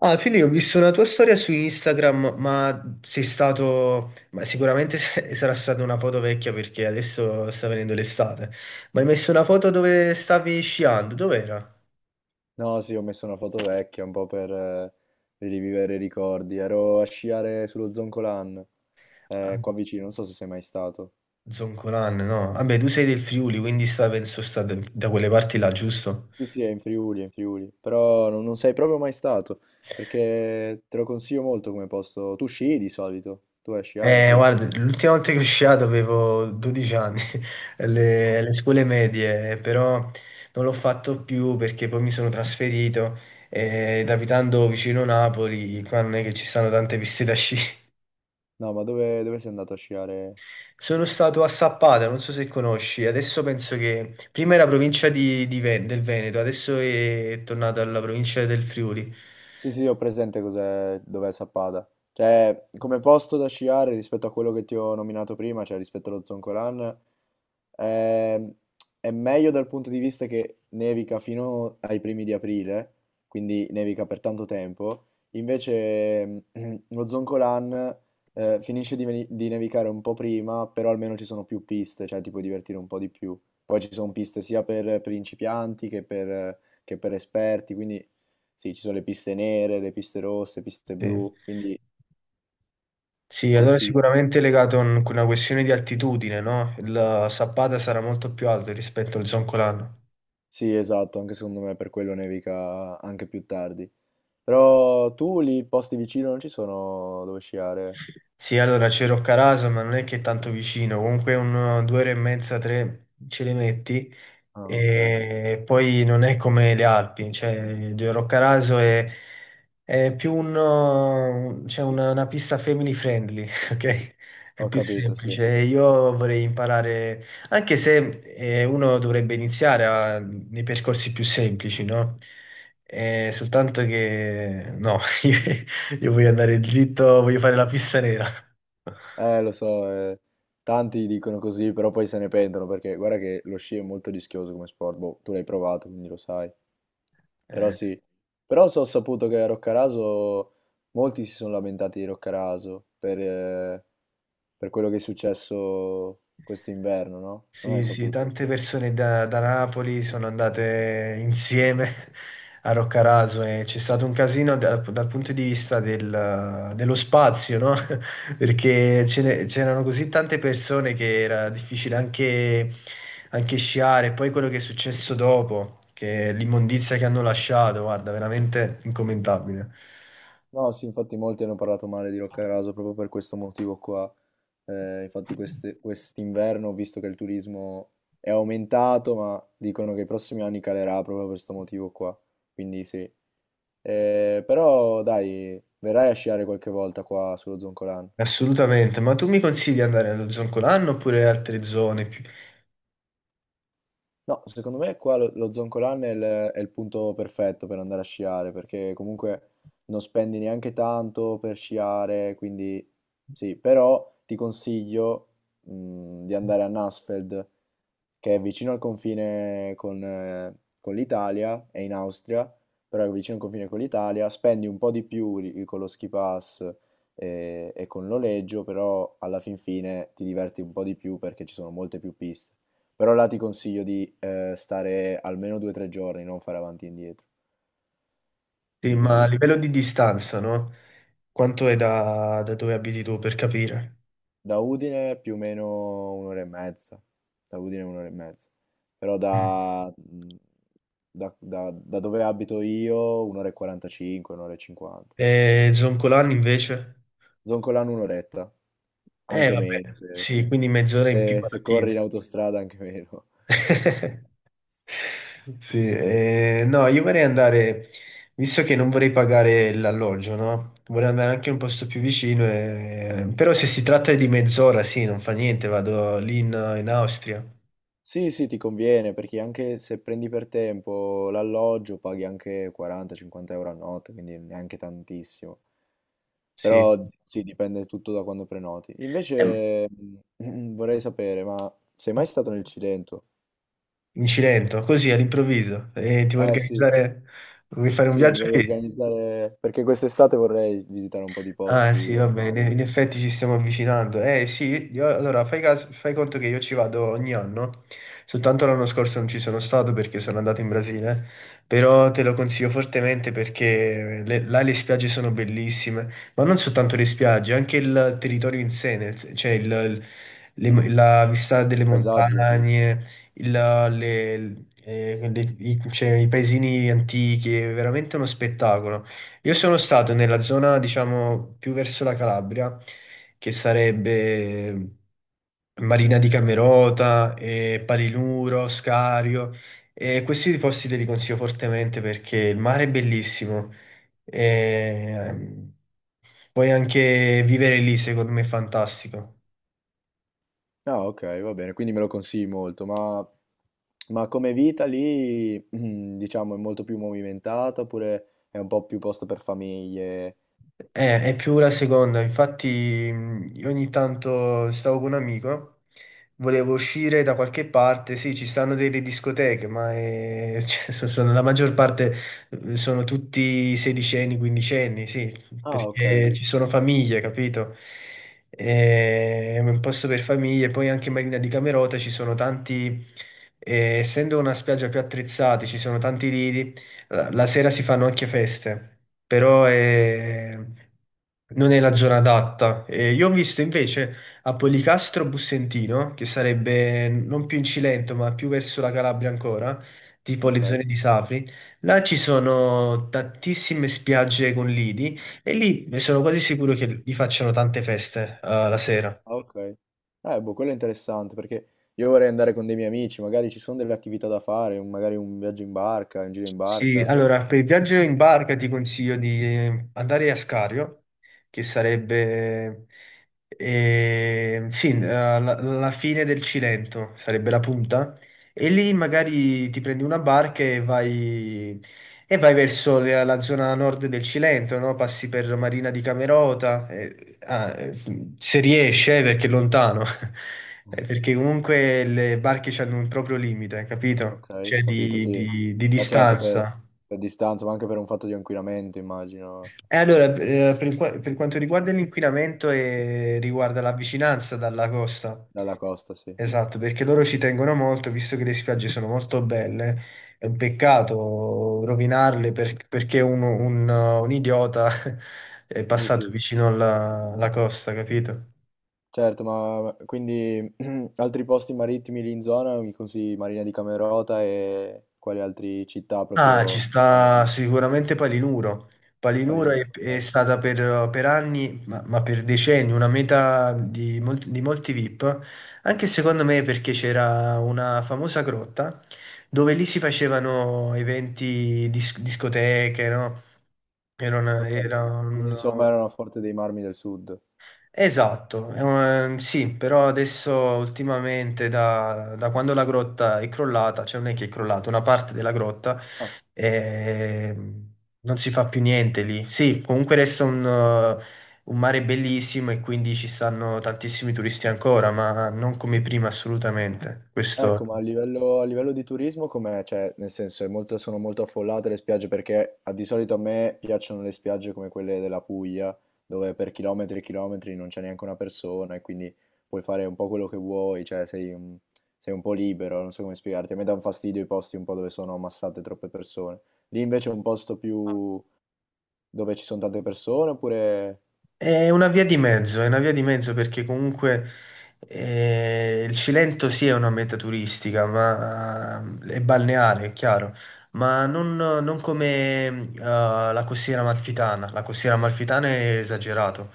Ah, Fili, ho visto una tua storia su Instagram, ma sei stato... Ma sicuramente sarà stata una foto vecchia perché adesso sta venendo l'estate. Ma hai messo una foto dove stavi sciando? Dov'era? No, sì, ho messo una foto vecchia un po' per rivivere i ricordi. Ero a sciare sullo Zoncolan, Ah, qua vicino, non so se sei mai stato. Zoncolan, no? Vabbè, tu sei del Friuli, quindi sta, penso sta da quelle parti là, giusto? Sì, sì, è in Friuli, però non sei proprio mai stato, perché te lo consiglio molto come posto. Tu sci di solito, tu vai a sciare? Guarda, l'ultima volta che sono sciato avevo 12 anni, alle scuole medie, però non l'ho fatto più perché poi mi sono trasferito ed abitando vicino Napoli, qua non è che ci stanno tante piste da sci. No, ma dove sei andato a sciare? Sono stato a Sappata, non so se conosci, adesso penso che prima era provincia di del Veneto, adesso è tornata alla provincia del Friuli. Sì, sì, ho presente cos'è, dov'è Sappada. Cioè, come posto da sciare rispetto a quello che ti ho nominato prima, cioè rispetto allo Zoncolan, ehm, è meglio dal punto di vista che nevica fino ai primi di aprile, quindi nevica per tanto tempo. Invece lo Zoncolan finisce di, di nevicare un po' prima, però almeno ci sono più piste, cioè ti puoi divertire un po' di più. Poi ci sono piste sia per principianti che per esperti, quindi sì, ci sono le piste nere, le piste rosse, piste Sì. blu, quindi Sì, allora consiglio sicuramente è molto. legato a una questione di altitudine, no? Il Sappada sarà molto più alto rispetto al Zoncolano. Sì, esatto, anche secondo me per quello nevica anche più tardi. Però tu lì posti vicino non ci sono dove sciare? Sì, allora c'è Roccaraso, ma non è che è tanto vicino, comunque un, due ore e mezza, tre ce le metti. Ah, ok. E poi non è come le Alpi, cioè Giro Roccaraso è più un, c'è una pista family friendly, ok? È Ho più capito, sì. semplice. E io vorrei imparare, anche se uno dovrebbe iniziare nei percorsi più semplici, no? Soltanto che no, io voglio andare dritto, voglio fare la pista nera. Lo so, tanti dicono così, però poi se ne pentono perché guarda che lo sci è molto rischioso come sport. Boh, tu l'hai provato, quindi lo sai. Però Eh. sì, ho saputo che a Roccaraso molti si sono lamentati di Roccaraso per quello che è successo questo inverno, no? Non hai Sì, sì, saputo? tante persone da Napoli sono andate insieme a Roccaraso e c'è stato un casino dal punto di vista dello spazio, no? Perché Sì. C'erano così tante persone che era difficile anche, anche sciare. Poi quello che è successo dopo, che è l'immondizia che hanno lasciato, guarda, veramente incommentabile. No, sì, infatti molti hanno parlato male di Roccaraso proprio per questo motivo qua. Infatti quest'inverno ho visto che il turismo è aumentato, ma dicono che i prossimi anni calerà proprio per questo motivo qua. Quindi sì. Però dai, verrai a sciare qualche volta qua sullo Zoncolan. Assolutamente. Ma tu mi consigli di andare allo Zoncolanno oppure altre zone più... No, secondo me qua lo Zoncolan è il punto perfetto per andare a sciare, perché comunque non spendi neanche tanto per sciare, quindi sì, però ti consiglio, di andare a Nassfeld, che è vicino al confine con l'Italia, è in Austria, però è vicino al confine con l'Italia, spendi un po' di più con lo ski pass e, con il noleggio, però alla fin fine ti diverti un po' di più perché ci sono molte più piste. Però là ti consiglio di stare almeno due o tre giorni, non fare avanti e indietro, Sì, quindi ma a così. livello di distanza, no? Quanto è da dove abiti tu per capire? Da Udine più o meno un'ora e mezza. Da Udine un'ora e mezza. Però Mm. da dove abito io un'ora e 45, un'ora e 50. E Zoncolan invece? Zoncolano un'oretta, Eh anche meno. vabbè, Se, sì, quindi mezz'ora in più se- alla se corri in fine. autostrada anche meno. Sì, no, io vorrei andare, visto che non vorrei pagare l'alloggio, no? Vorrei andare anche in un posto più vicino, però se si tratta di mezz'ora, sì, non fa niente, vado lì in, in Austria, Sì, sì, ti conviene perché anche se prendi per tempo l'alloggio paghi anche 40-50 euro a notte, quindi neanche tantissimo. sì. Però sì, dipende tutto da quando prenoti. Ehm, Invece vorrei sapere, ma sei mai stato nel Cilento? In Cilento, così all'improvviso, e ti vuoi Eh sì, organizzare, vuoi fare un sì, mi viaggio voglio lì? organizzare perché quest'estate vorrei visitare un po' di Ah, posti sì, va del bene, mare. in effetti ci stiamo avvicinando. Eh sì, allora fai, fai conto che io ci vado ogni anno, soltanto l'anno scorso non ci sono stato perché sono andato in Brasile, però te lo consiglio fortemente perché là le spiagge sono bellissime, ma non soltanto le spiagge, anche il territorio in sé, cioè la vista delle Paesaggio? montagne, cioè, i paesini antichi, è veramente uno spettacolo. Io sono stato nella zona, diciamo, più verso la Calabria, che sarebbe Marina di Camerota, Palinuro, Scario. E questi posti te li consiglio fortemente perché il mare è bellissimo. E, ehm, puoi anche vivere lì, secondo me è fantastico. Ah, ok, va bene, quindi me lo consigli molto, ma come vita lì, diciamo, è molto più movimentata oppure è un po' più posto per famiglie? È più la seconda, infatti io ogni tanto stavo con un amico, volevo uscire da qualche parte, sì, ci stanno delle discoteche, ma cioè, sono, la maggior parte sono tutti 16enni, 15enni, sì, Ah, ok, perché ci sono famiglie, capito? È un posto per famiglie, poi anche in Marina di Camerota ci sono tanti, essendo una spiaggia più attrezzata, ci sono tanti lidi la sera si fanno anche feste, però non è la zona adatta. E io ho visto invece a Policastro Bussentino, che sarebbe non più in Cilento, ma più verso la Calabria ancora, tipo le ok, zone di Sapri, là ci sono tantissime spiagge con lidi e lì sono quasi sicuro che vi facciano tante feste, la sera. ah, ok. Boh, quello è interessante perché io vorrei andare con dei miei amici, magari ci sono delle attività da fare, un- magari un viaggio in barca, un giro in Sì, barca. allora per il viaggio in barca ti consiglio di andare a Scario, che sarebbe sì, la fine del Cilento, sarebbe la punta, e lì magari ti prendi una barca e vai verso la zona nord del Cilento, no? Passi per Marina di Camerota, se riesce, perché è lontano, Mm. perché comunque le barche hanno un proprio limite, capito? Ok, Cioè capito, di, sì. di Ma certo, distanza. per distanza, ma anche per un fatto di inquinamento, immagino, E allora, per, per quanto riguarda l'inquinamento e riguarda la vicinanza dalla costa, dalla costa, sì. esatto, perché loro ci tengono molto, visto che le spiagge sono molto belle, è un peccato rovinarle perché un, un idiota è Sì, passato sì. vicino alla costa, capito? Certo, ma quindi altri posti marittimi lì in zona, mi consigli Marina di Camerota e quali altre città Ah, ci proprio no, beh, sta sicuramente Palinuro. quali Palinuro non, è ok. stata per anni, ma per decenni, una meta di, di molti VIP, anche secondo me perché c'era una famosa grotta dove lì si facevano eventi, discoteche, no? Era, Ok. era Quindi un- insomma era una forte dei marmi del sud. Esatto, sì, però adesso ultimamente da quando la grotta è crollata, cioè non è che è crollata, una parte della grotta, Ah. ehm, non si fa più niente lì. Sì, comunque resta un mare bellissimo e quindi ci stanno tantissimi turisti ancora, ma non come prima assolutamente. Ecco, Questo ma a livello di turismo com'è? Cioè, nel senso, è molto- sono molto affollate le spiagge perché a- di solito a me piacciono le spiagge come quelle della Puglia, dove per chilometri e chilometri non c'è neanche una persona e quindi puoi fare un po' quello che vuoi, cioè sei un po' libero, non so come spiegarti. A me dà un fastidio i posti un po' dove sono ammassate troppe persone. Lì invece è un posto più dove ci sono tante persone oppure... è una via di mezzo, è una via di mezzo perché comunque il Cilento sì è una meta turistica, ma è balneare, è chiaro, ma non, non come la costiera amalfitana. La costiera amalfitana è esagerato,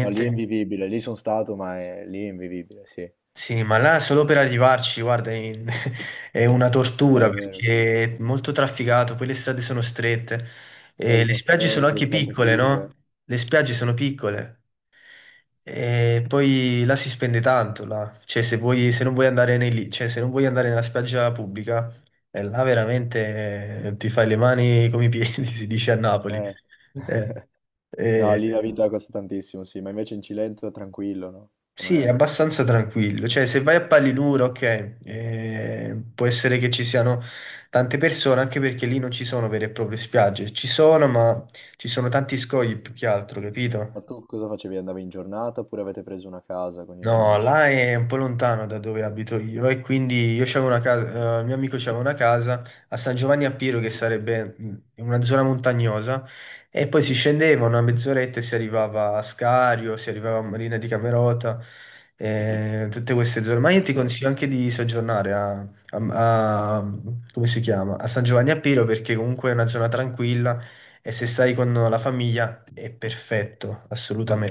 No, lì è invivibile, lì sono stato, ma è... lì è invivibile, sì. sì, ma là solo per arrivarci, guarda, è una tortura È vero, perché è molto trafficato, poi le strade sono strette, e strade le sono spiagge sono anche strette, tante piccole, no? curve. Le spiagge sono piccole. E poi là si spende tanto, là. Cioè, se vuoi, se non vuoi andare nei, cioè, se non vuoi andare nella spiaggia pubblica, là veramente ti fai le mani come i piedi, si dice a Napoli. Eh, Eh, no, eh, lì la vita costa tantissimo, sì, ma invece in Cilento è tranquillo, no? sì, è Come- abbastanza tranquillo. Cioè, se vai a Palinuro, ok, può essere che ci siano tante persone, anche perché lì non ci sono vere e proprie spiagge. Ci sono, ma ci sono tanti scogli più che altro, Ma capito? tu cosa facevi? Andavi in giornata oppure avete preso una casa con gli No, amici? là è un po' lontano da dove abito io e quindi io c'avevo una casa, il mio amico c'aveva una casa a San Giovanni a Piero che sarebbe mm, in una zona montagnosa e poi si scendeva una mezz'oretta e si arrivava a Scario, si arrivava a Marina di Camerota, tutte queste zone. Ma io ti Ok, consiglio anche di soggiornare a, come si chiama? A San Giovanni a Piero perché comunque è una zona tranquilla e se stai con la famiglia è perfetto, assolutamente. vabbè.